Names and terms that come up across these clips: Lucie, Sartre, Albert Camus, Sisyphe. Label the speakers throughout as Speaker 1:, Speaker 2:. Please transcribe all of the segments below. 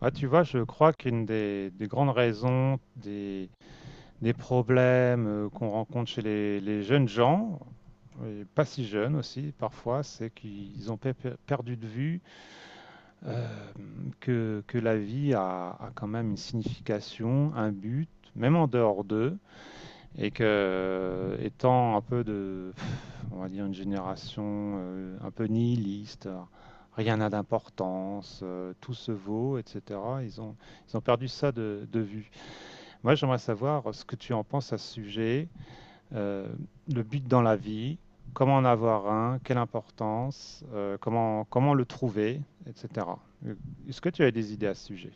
Speaker 1: Ah, tu vois, je crois qu'une des grandes raisons des problèmes qu'on rencontre chez les jeunes gens, et pas si jeunes aussi parfois, c'est qu'ils ont perdu de vue euh, que la vie a quand même une signification, un but, même en dehors d'eux, et que étant un peu de, on va dire, une génération un peu nihiliste, rien n'a d'importance, tout se vaut, etc., ils ont perdu ça de vue. Moi, j'aimerais savoir ce que tu en penses à ce sujet, euh, le but dans la vie, comment en avoir un, quelle importance, comment le trouver, etc. Euh, Est-ce que tu as des idées à ce sujet?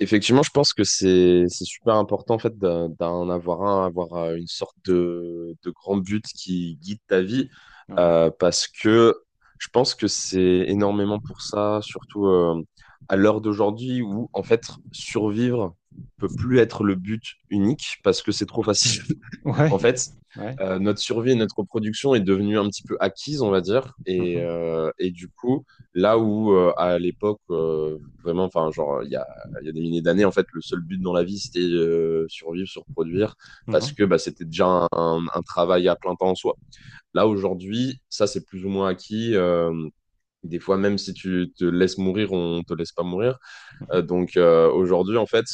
Speaker 2: Effectivement, je pense que c'est super important en fait d'en avoir un, avoir une sorte de grand but qui guide ta vie,
Speaker 1: Ouais,
Speaker 2: parce que je pense que c'est énormément pour ça, surtout à l'heure d'aujourd'hui où en fait survivre peut plus être le but unique parce que c'est trop facile.
Speaker 1: ouais,
Speaker 2: En fait,
Speaker 1: ouais.
Speaker 2: notre survie et notre reproduction est devenue un petit peu acquise, on va dire. Et,
Speaker 1: mhm,
Speaker 2: euh, et du coup, là où à l'époque, vraiment, enfin, genre, il y a des milliers d'années, en fait, le seul but dans la vie, c'était survivre, se reproduire, parce que
Speaker 1: mhm,
Speaker 2: bah, c'était déjà un travail à plein temps en soi. Là, aujourd'hui, ça, c'est plus ou moins acquis. Des fois, même si tu te laisses mourir, on te laisse pas mourir. Euh,
Speaker 1: mhm.
Speaker 2: donc euh, aujourd'hui, en fait,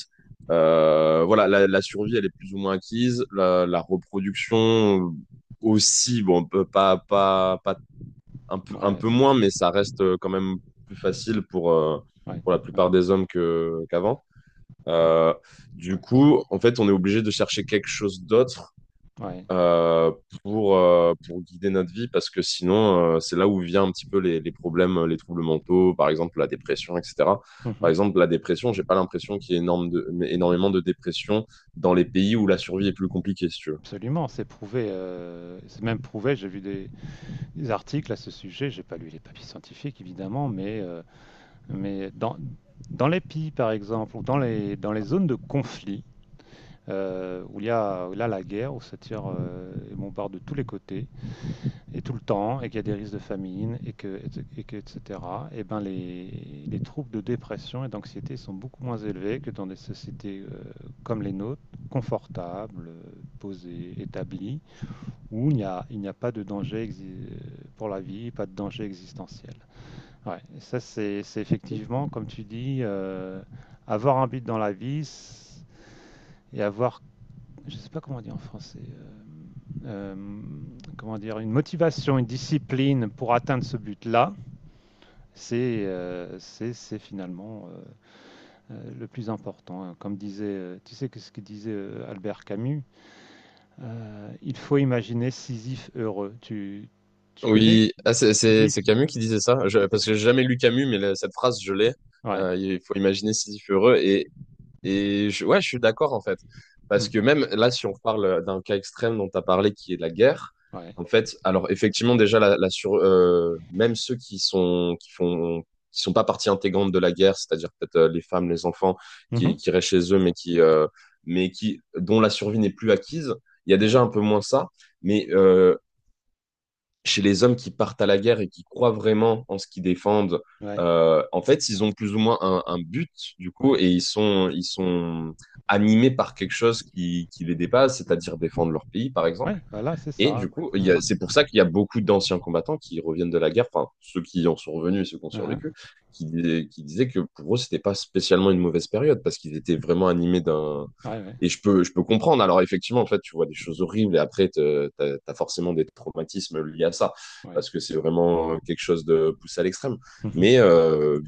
Speaker 2: voilà, survie, elle est plus ou moins acquise. La reproduction aussi, bon, on peut pas, pas, pas un peu, un
Speaker 1: Ouais,
Speaker 2: peu
Speaker 1: c-
Speaker 2: moins, mais ça reste quand même plus facile pour, euh,
Speaker 1: ouais,
Speaker 2: pour la plupart
Speaker 1: ouais,
Speaker 2: des hommes qu'avant. Euh, du
Speaker 1: ouais,
Speaker 2: coup, en fait, on est obligé de chercher quelque chose d'autre
Speaker 1: ouais,
Speaker 2: euh, pour guider notre vie, parce que sinon, c'est là où vient un petit peu les problèmes, les troubles mentaux, par exemple la dépression, etc.
Speaker 1: mhm.
Speaker 2: Par exemple, la dépression, j'ai pas l'impression qu'il y ait énorme de, mais énormément de dépression dans les pays où la survie est plus compliquée, si tu veux.
Speaker 1: Absolument, c'est prouvé. C'est même prouvé. J'ai vu des articles à ce sujet. J'ai pas lu les papiers scientifiques, évidemment, mais dans, dans les pays, par exemple, ou dans les zones de conflit, où il y a où là, la guerre, où ça tire et bombarde de tous les côtés, et tout le temps, et qu'il y a des risques de famine, et que etc., et ben les troubles de dépression et d'anxiété sont beaucoup moins élevés que dans des sociétés comme les nôtres, confortables, posées, établies, où il n'y a pas de danger pour la vie, pas de danger existentiel. Ouais, ça c'est effectivement, comme tu dis, avoir un but dans la vie et avoir, je sais pas comment dire en français, euh, comment dire, une motivation, une discipline pour atteindre ce but-là, c'est finalement le plus important. Comme disait, tu sais que ce que disait Albert Camus, il faut imaginer Sisyphe heureux. Tu connais
Speaker 2: Oui, ah,
Speaker 1: Sisyphe?
Speaker 2: c'est Camus qui disait ça. Parce que j'ai
Speaker 1: c'est-
Speaker 2: jamais lu Camus, mais cette phrase, je l'ai.
Speaker 1: Ouais.
Speaker 2: Il faut imaginer Sisyphe heureux. Et ouais, je suis d'accord en fait. Parce
Speaker 1: Mm.
Speaker 2: que même là, si on parle d'un cas extrême dont tu as parlé, qui est la guerre,
Speaker 1: Ouais.
Speaker 2: en fait, alors effectivement, déjà, même ceux qui sont pas partie intégrante de la guerre, c'est-à-dire peut-être les femmes, les enfants qui,
Speaker 1: Mhm.
Speaker 2: qui restent chez eux, mais qui, dont la survie n'est plus acquise, il y a déjà
Speaker 1: Ouais.
Speaker 2: un peu moins ça. Mais chez les hommes qui partent à la guerre et qui croient vraiment en ce qu'ils défendent,
Speaker 1: Ouais.
Speaker 2: en fait, ils ont plus ou moins un but, du coup,
Speaker 1: Ouais.
Speaker 2: et ils sont animés par quelque chose qui les dépasse, c'est-à-dire défendre leur pays, par exemple.
Speaker 1: Ouais, voilà, c'est
Speaker 2: Et
Speaker 1: ça.
Speaker 2: du coup,
Speaker 1: Ouais.
Speaker 2: c'est pour ça qu'il y a beaucoup d'anciens combattants qui reviennent de la guerre, enfin, ceux qui en sont revenus et ceux qui ont
Speaker 1: Uh-huh.
Speaker 2: survécu, qui disaient que pour eux, c'était pas spécialement une mauvaise période parce qu'ils étaient vraiment animés d'un.
Speaker 1: Ouais, ouais,
Speaker 2: Et je peux comprendre. Alors, effectivement, en fait, tu vois des choses horribles et après, t'as forcément des traumatismes liés à ça
Speaker 1: ouais.
Speaker 2: parce que c'est vraiment quelque chose de poussé à l'extrême. Mais
Speaker 1: Mhm.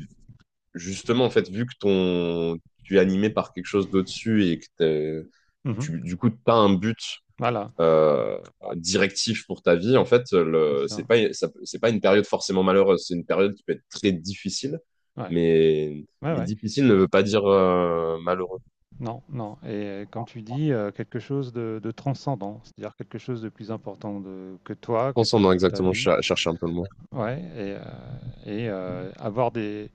Speaker 2: justement, en fait, vu que tu es animé par quelque chose d'au-dessus et que
Speaker 1: Mhm.
Speaker 2: tu, du coup, t'as un but
Speaker 1: Voilà,
Speaker 2: euh, directif pour ta vie, en fait,
Speaker 1: c'est
Speaker 2: c'est
Speaker 1: ça.
Speaker 2: pas, ça- c'est pas une période forcément malheureuse. C'est une période qui peut être très difficile,
Speaker 1: Ouais,
Speaker 2: mais,
Speaker 1: ouais,
Speaker 2: mais
Speaker 1: ouais.
Speaker 2: difficile ne veut pas dire malheureux.
Speaker 1: Non, non. Et comme tu dis, quelque chose de transcendant, c'est-à-dire quelque chose de plus important que toi, que
Speaker 2: Pensons dans
Speaker 1: ta
Speaker 2: exactement,
Speaker 1: vie.
Speaker 2: chercher un peu le mot.
Speaker 1: Ouais, avoir des,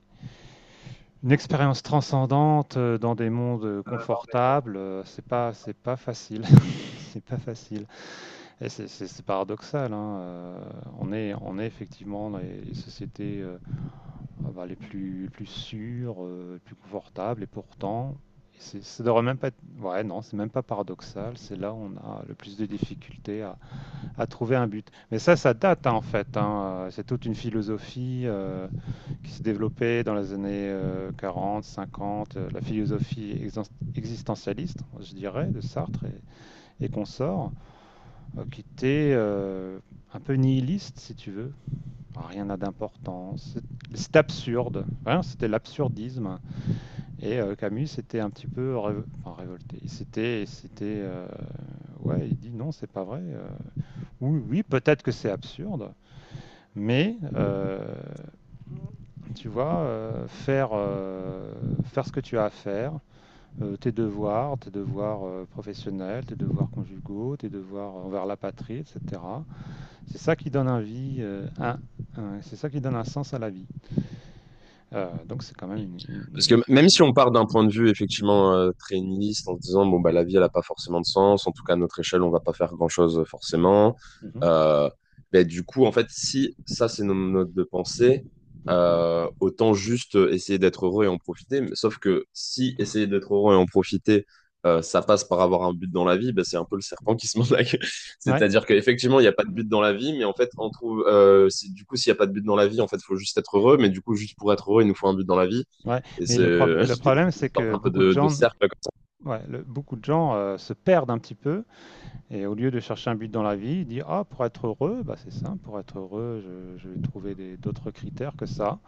Speaker 1: une expérience transcendante dans des mondes confortables, euh, c'est pas facile. C'est pas facile. Et c'est paradoxal, hein, on est effectivement dans les sociétés. Ah bah, les plus sûrs, les plus confortables, et pourtant, ça devrait même pas être... Ouais, non, c'est même pas paradoxal, c'est là où on a le plus de difficultés à trouver un but. Mais ça date hein, en fait, hein, c'est toute une philosophie qui s'est développée dans les années 40, 50, la philosophie existentialiste, je dirais, de Sartre et consorts, qui était un peu nihiliste, si tu veux, enfin, rien n'a d'importance. C'est absurde. Vraiment, c'était l'absurdisme. Et Camus était un petit peu enfin, révolté. C'était, Ouais, il dit non, c'est pas vrai. Oui, oui, peut-être que c'est absurde, mais tu vois, faire ce que tu as à faire, euh, tes devoirs professionnels, tes devoirs conjugaux, tes devoirs envers la patrie, etc. C'est ça qui donne un vie, c'est ça qui donne un sens à la vie. Donc c'est quand même une
Speaker 2: Parce que
Speaker 1: une
Speaker 2: même si on part d'un point de vue
Speaker 1: mmh.
Speaker 2: effectivement très nihiliste en se disant bon bah la vie elle a pas forcément de sens, en tout cas à notre échelle on va pas faire grand-chose forcément.
Speaker 1: Mmh.
Speaker 2: Euh, ben, du coup en fait si ça c'est nos notes de pensée,
Speaker 1: Ouais.
Speaker 2: autant juste essayer d'être heureux et en profiter. Mais, sauf que si essayer d'être heureux et en profiter ça passe par avoir un but dans la vie, ben, c'est un peu le serpent qui se mord la queue.
Speaker 1: Ouais,
Speaker 2: C'est-à-dire qu'effectivement il n'y a pas de but dans la vie, mais en fait on trouve s'il n'y a pas de but dans la vie en fait faut juste être heureux, mais du coup juste pour être heureux il nous faut un but dans la vie
Speaker 1: ouais,
Speaker 2: et
Speaker 1: mais
Speaker 2: c'est
Speaker 1: le problème,
Speaker 2: une
Speaker 1: c'est
Speaker 2: sorte
Speaker 1: que
Speaker 2: un peu
Speaker 1: beaucoup de
Speaker 2: de
Speaker 1: gens
Speaker 2: cercle.
Speaker 1: ouais, le beaucoup de gens, se perdent un petit peu et au lieu de chercher un but dans la vie, ils disent: «Ah, pour être heureux, bah, c'est simple, pour être heureux, je vais trouver des d'autres critères que ça,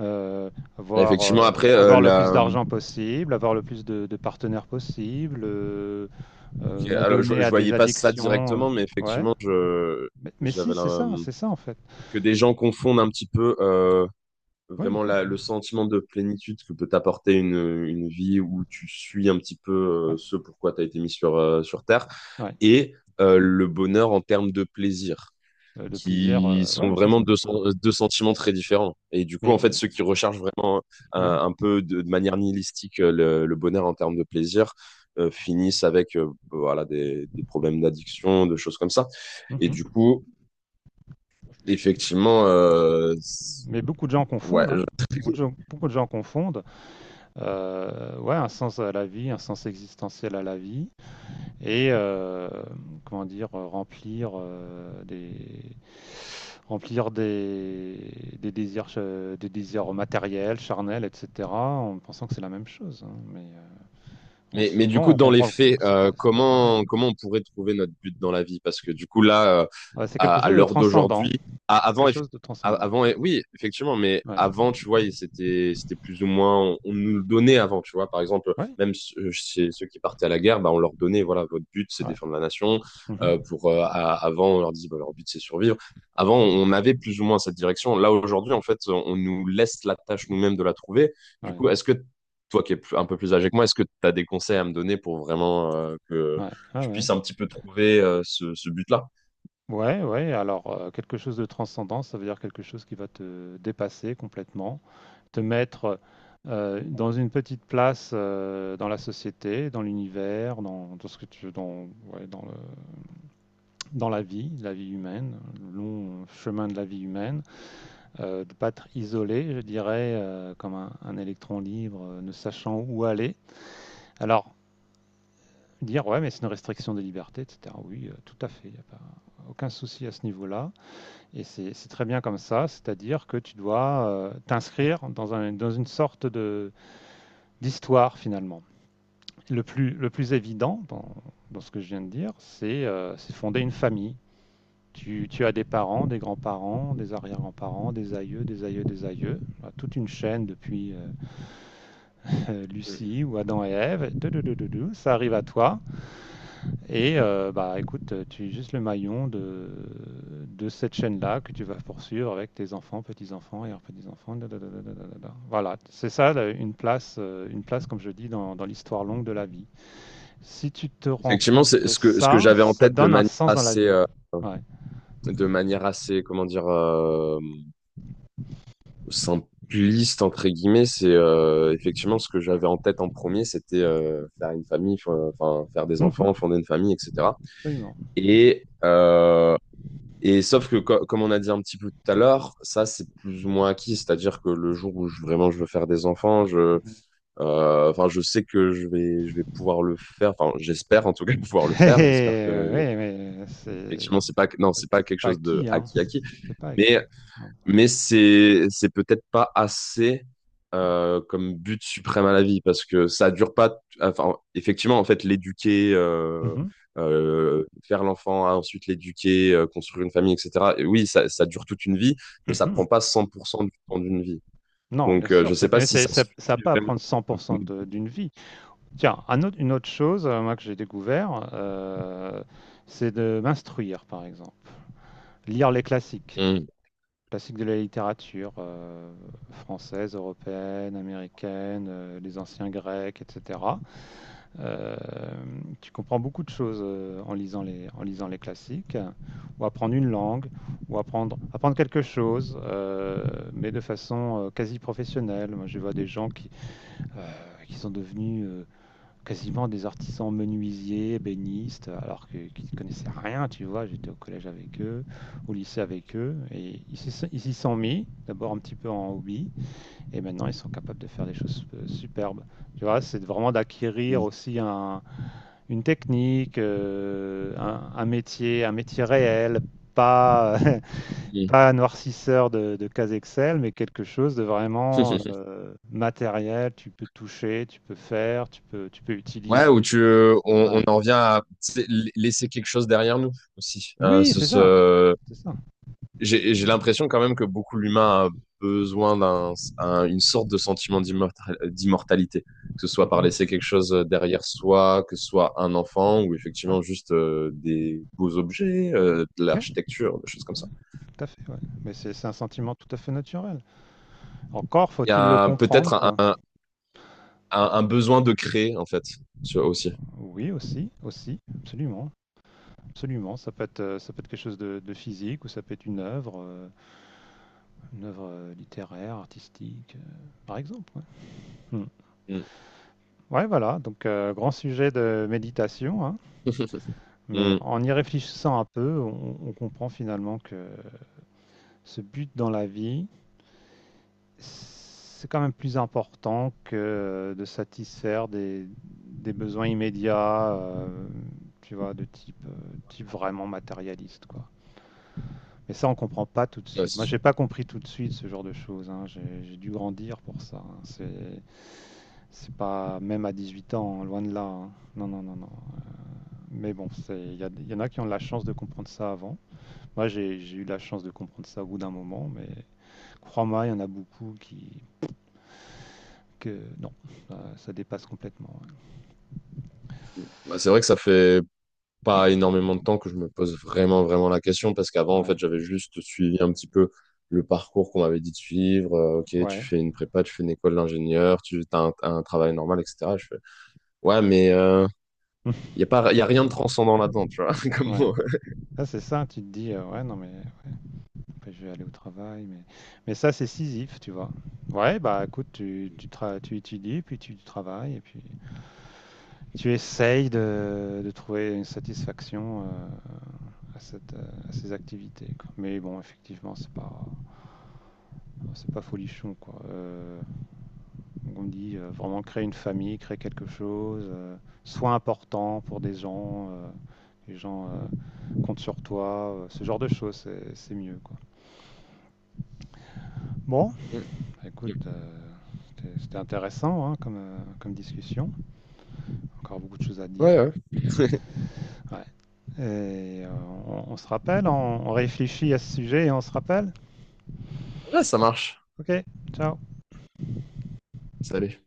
Speaker 1: heu, avoir,
Speaker 2: Effectivement,
Speaker 1: heu,
Speaker 2: après,
Speaker 1: avoir le plus d'argent possible, avoir le plus de partenaires possible,
Speaker 2: ok, alors, je,
Speaker 1: m'adonner
Speaker 2: je
Speaker 1: à des
Speaker 2: voyais pas ça
Speaker 1: addictions»,
Speaker 2: directement, mais
Speaker 1: ouais,
Speaker 2: effectivement,
Speaker 1: mais
Speaker 2: j'avais
Speaker 1: si,
Speaker 2: la...
Speaker 1: c'est ça, en fait.
Speaker 2: que des gens confondent un petit peu
Speaker 1: Oui, ils
Speaker 2: vraiment le
Speaker 1: confondent,
Speaker 2: sentiment de plénitude que peut t'apporter une vie où tu suis un petit peu
Speaker 1: ouais,
Speaker 2: ce pourquoi tu as été mis sur Terre
Speaker 1: ouais.
Speaker 2: et le bonheur en termes de plaisir.
Speaker 1: Le plaisir,
Speaker 2: Qui sont
Speaker 1: ouais, c'est
Speaker 2: vraiment
Speaker 1: ça.
Speaker 2: deux, deux sentiments très différents. Et du coup,
Speaker 1: Mais,
Speaker 2: en fait, ceux
Speaker 1: l-
Speaker 2: qui recherchent vraiment un,
Speaker 1: ouais.
Speaker 2: un peu de manière nihilistique le bonheur en termes de plaisir finissent avec voilà, des problèmes d'addiction, de choses comme ça. Et du
Speaker 1: Mhm.
Speaker 2: coup, effectivement,
Speaker 1: Mais beaucoup de gens
Speaker 2: ouais.
Speaker 1: confondent, hein. Beaucoup de gens confondent, ouais, un sens à la vie, un sens existentiel à la vie, et comment dire, euh, remplir des désirs matériels, charnels, etc., en pensant que c'est la même chose. Hein. Mais
Speaker 2: Mais du
Speaker 1: souvent,
Speaker 2: coup,
Speaker 1: on
Speaker 2: dans les
Speaker 1: comprend
Speaker 2: faits,
Speaker 1: que c'est pas pareil,
Speaker 2: comment,
Speaker 1: quoi.
Speaker 2: comment on pourrait trouver notre but dans la vie? Parce que du coup, là,
Speaker 1: Ouais, c'est
Speaker 2: à,
Speaker 1: quelque
Speaker 2: à
Speaker 1: chose de
Speaker 2: l'heure
Speaker 1: transcendant,
Speaker 2: d'aujourd'hui. À-
Speaker 1: quelque
Speaker 2: Avant, eff-
Speaker 1: chose de
Speaker 2: à-
Speaker 1: transcendant.
Speaker 2: avant, eh, oui, effectivement, mais
Speaker 1: Ouais,
Speaker 2: avant, tu vois, c'était plus ou moins, on nous le donnait avant, tu vois. Par exemple,
Speaker 1: ouais,
Speaker 2: même ceux, chez ceux qui partaient à la guerre, bah, on leur donnait, voilà, votre but, c'est
Speaker 1: ouais.
Speaker 2: défendre la nation.
Speaker 1: Mhm.
Speaker 2: Avant, on leur disait, bah, leur but, c'est survivre. Avant, on avait plus ou moins cette direction. Là, aujourd'hui, en fait, on nous laisse la tâche nous-mêmes de la trouver. Du
Speaker 1: Ouais,
Speaker 2: coup, est-ce que toi qui es un peu plus âgé que moi, est-ce que tu as des conseils à me donner pour vraiment que
Speaker 1: ouais, ah
Speaker 2: je
Speaker 1: ouais.
Speaker 2: puisse un petit peu trouver ce but-là?
Speaker 1: Ouais, ouais, alors quelque chose de transcendant, ça veut dire quelque chose qui va te dépasser complètement, te mettre dans une petite place dans la société, dans l'univers, dans, dans ce que tu dans, ouais, dans, le, dans la vie humaine, le long chemin de la vie humaine, de pas être isolé, je dirais, comme un électron libre, ne sachant où aller. Alors, dire, ouais, mais c'est une restriction des libertés, etc. Oui, tout à fait, il n'y a pas aucun souci à ce niveau-là. Et c'est très bien comme ça, c'est-à-dire que tu dois t'inscrire dans, dans une sorte de d'histoire finalement. Le plus évident dans, dans ce que je viens de dire, c'est fonder une famille. Tu as des parents, des grands-parents, des arrière-grands-parents, des aïeux. Voilà, toute une chaîne depuis Lucie ou Adam et Ève. Et tout, tout, tout, tout, tout, ça arrive à toi. Et bah écoute, tu es juste le maillon de cette chaîne-là que tu vas poursuivre avec tes enfants, petits-enfants et leurs petits-enfants. Da, da, da, da, da, da, da. Voilà, c'est ça là, une place comme je dis dans, dans l'histoire longue de la vie. Si tu te rends
Speaker 2: Effectivement,
Speaker 1: compte
Speaker 2: c'est
Speaker 1: de
Speaker 2: ce que
Speaker 1: ça,
Speaker 2: j'avais en
Speaker 1: ça
Speaker 2: tête de
Speaker 1: donne un
Speaker 2: manière
Speaker 1: sens dans la
Speaker 2: assez
Speaker 1: vie. Ouais.
Speaker 2: comment dire simpliste entre guillemets, c'est effectivement ce que j'avais en tête en premier, c'était faire une famille, enfin faire des
Speaker 1: Mhm,
Speaker 2: enfants, fonder une famille, etc.
Speaker 1: absolument.
Speaker 2: Et euh, et sauf que comme on a dit un petit peu tout à l'heure, ça c'est plus ou moins acquis, c'est-à-dire que le jour où vraiment je veux faire des enfants, je
Speaker 1: Mhm.
Speaker 2: enfin je sais que je vais pouvoir le faire, enfin j'espère en tout cas pouvoir le faire, j'espère
Speaker 1: Eh,
Speaker 2: que
Speaker 1: oui, mais
Speaker 2: effectivement, c'est pas, non, c'est pas
Speaker 1: c'est
Speaker 2: quelque
Speaker 1: pas
Speaker 2: chose de
Speaker 1: acquis, hein.
Speaker 2: acquis acquis,
Speaker 1: C'est pas acquis.
Speaker 2: mais,
Speaker 1: Non,
Speaker 2: mais c'est peut-être pas assez comme but suprême à la vie parce que ça dure pas. Enfin, effectivement, en fait,
Speaker 1: mhm,
Speaker 2: faire l'enfant, hein, ensuite l'éduquer, construire une famille, etc. Et oui, ça dure toute une vie, mais ça
Speaker 1: mhm.
Speaker 2: prend pas 100% du temps d'une vie.
Speaker 1: Non, bien
Speaker 2: Donc,
Speaker 1: sûr,
Speaker 2: je sais pas si ça
Speaker 1: ça n'a
Speaker 2: suffit
Speaker 1: pas à
Speaker 2: vraiment.
Speaker 1: prendre 100% d'une vie. Tiens, une autre chose, moi, que j'ai découvert, c'est de m'instruire, par exemple. Lire les classiques,
Speaker 2: Mm.
Speaker 1: classiques de la littérature française, européenne, américaine, les anciens grecs, etc. Euh, Tu comprends beaucoup de choses en lisant les classiques, ou apprendre une langue, ou apprendre, apprendre quelque chose, mais de façon quasi professionnelle. Moi, je vois des gens euh, qui sont devenus quasiment des artisans menuisiers, ébénistes, qu'ils ne connaissaient rien, tu vois. J'étais au collège avec eux, au lycée avec eux, et ils s'y sont mis, d'abord un petit peu en hobby, et maintenant ils sont capables de faire des choses superbes. Tu vois, c'est vraiment d'acquérir aussi une technique, euh, un métier réel, pas,
Speaker 2: Mm.
Speaker 1: pas un noircisseur de case Excel, mais quelque chose de vraiment matériel. Tu peux toucher, tu peux faire, tu peux
Speaker 2: Ouais, où
Speaker 1: utiliser.
Speaker 2: tu, euh, on,
Speaker 1: Ouais.
Speaker 2: on en revient à tu sais, laisser quelque chose derrière nous aussi.
Speaker 1: Oui, c'est ça, c'est ça.
Speaker 2: J'ai l'impression quand même que beaucoup l'humain a besoin une sorte de sentiment d'immortalité, que ce soit par laisser
Speaker 1: Mhm.
Speaker 2: quelque chose derrière soi, que ce soit un enfant ou
Speaker 1: Ouais.
Speaker 2: effectivement juste des beaux objets, de
Speaker 1: Oui,
Speaker 2: l'architecture, des choses comme
Speaker 1: ouais,
Speaker 2: ça.
Speaker 1: tout à fait. Ouais. Mais c'est un sentiment tout à fait naturel. Encore
Speaker 2: Il y
Speaker 1: faut-il le
Speaker 2: a
Speaker 1: comprendre,
Speaker 2: peut-être un,
Speaker 1: quoi.
Speaker 2: un, un besoin de créer en fait, aussi.
Speaker 1: Oui, aussi, aussi, absolument, absolument. Ça peut être quelque chose de physique ou ça peut être une œuvre littéraire, artistique, par exemple. Ouais, hmm.
Speaker 2: Mm.
Speaker 1: Ouais, voilà. Donc grand sujet de méditation, hein. Mais
Speaker 2: Mm.
Speaker 1: en y réfléchissant un peu, on comprend finalement que ce but dans la vie, c'est quand même plus important que de satisfaire des besoins immédiats, tu vois, de type, type vraiment matérialiste, quoi. Mais ça, on comprend pas tout de
Speaker 2: Ouais,
Speaker 1: suite.
Speaker 2: c'est
Speaker 1: Moi, j'ai
Speaker 2: sûr.
Speaker 1: pas compris tout de suite ce genre de choses. Hein. J'ai dû grandir pour ça. Hein. C'est pas même à 18 ans, hein, loin de là. Hein. Non, non, non, non. Mais bon, il y, il y en a qui ont la chance de comprendre ça avant. Moi, j'ai eu la chance de comprendre ça au bout d'un moment, mais crois-moi, il y en a beaucoup qui, que non, ça dépasse complètement.
Speaker 2: Mm. Bah, c'est vrai que ça fait pas énormément de temps que je me pose vraiment, vraiment la question parce qu'avant, en
Speaker 1: Ouais,
Speaker 2: fait, j'avais juste suivi un petit peu le parcours qu'on m'avait dit de suivre. Ok, tu
Speaker 1: ouais,
Speaker 2: fais une prépa, tu fais une école d'ingénieur, tu as un travail normal, etc. Je fais, ouais, mais
Speaker 1: ouais.
Speaker 2: il y a rien de transcendant là-dedans, tu vois. Comme
Speaker 1: Ouais.
Speaker 2: moi.
Speaker 1: Ça, c'est ça, tu te dis, ouais, non, mais ouais, après, je vais aller au travail, mais ça, c'est Sisyphe, tu vois. Ouais, bah écoute, tu étudies, puis tu travailles, et puis tu essayes de trouver une satisfaction à, cette, à ces activités, quoi. Mais bon, effectivement, c'est pas folichon, quoi. Donc on dit vraiment créer une famille, créer quelque chose, sois important pour des gens, les gens comptent sur toi, ce genre de choses, c'est mieux, quoi. Bon,
Speaker 2: Mm.
Speaker 1: bah, écoute, c'était intéressant hein, comme discussion, encore beaucoup de choses à dire.
Speaker 2: Ouais, ouais.
Speaker 1: Ouais. Et on se rappelle, on réfléchit à ce sujet et on se rappelle.
Speaker 2: Ouais, ça marche.
Speaker 1: Ok, ciao.
Speaker 2: Salut.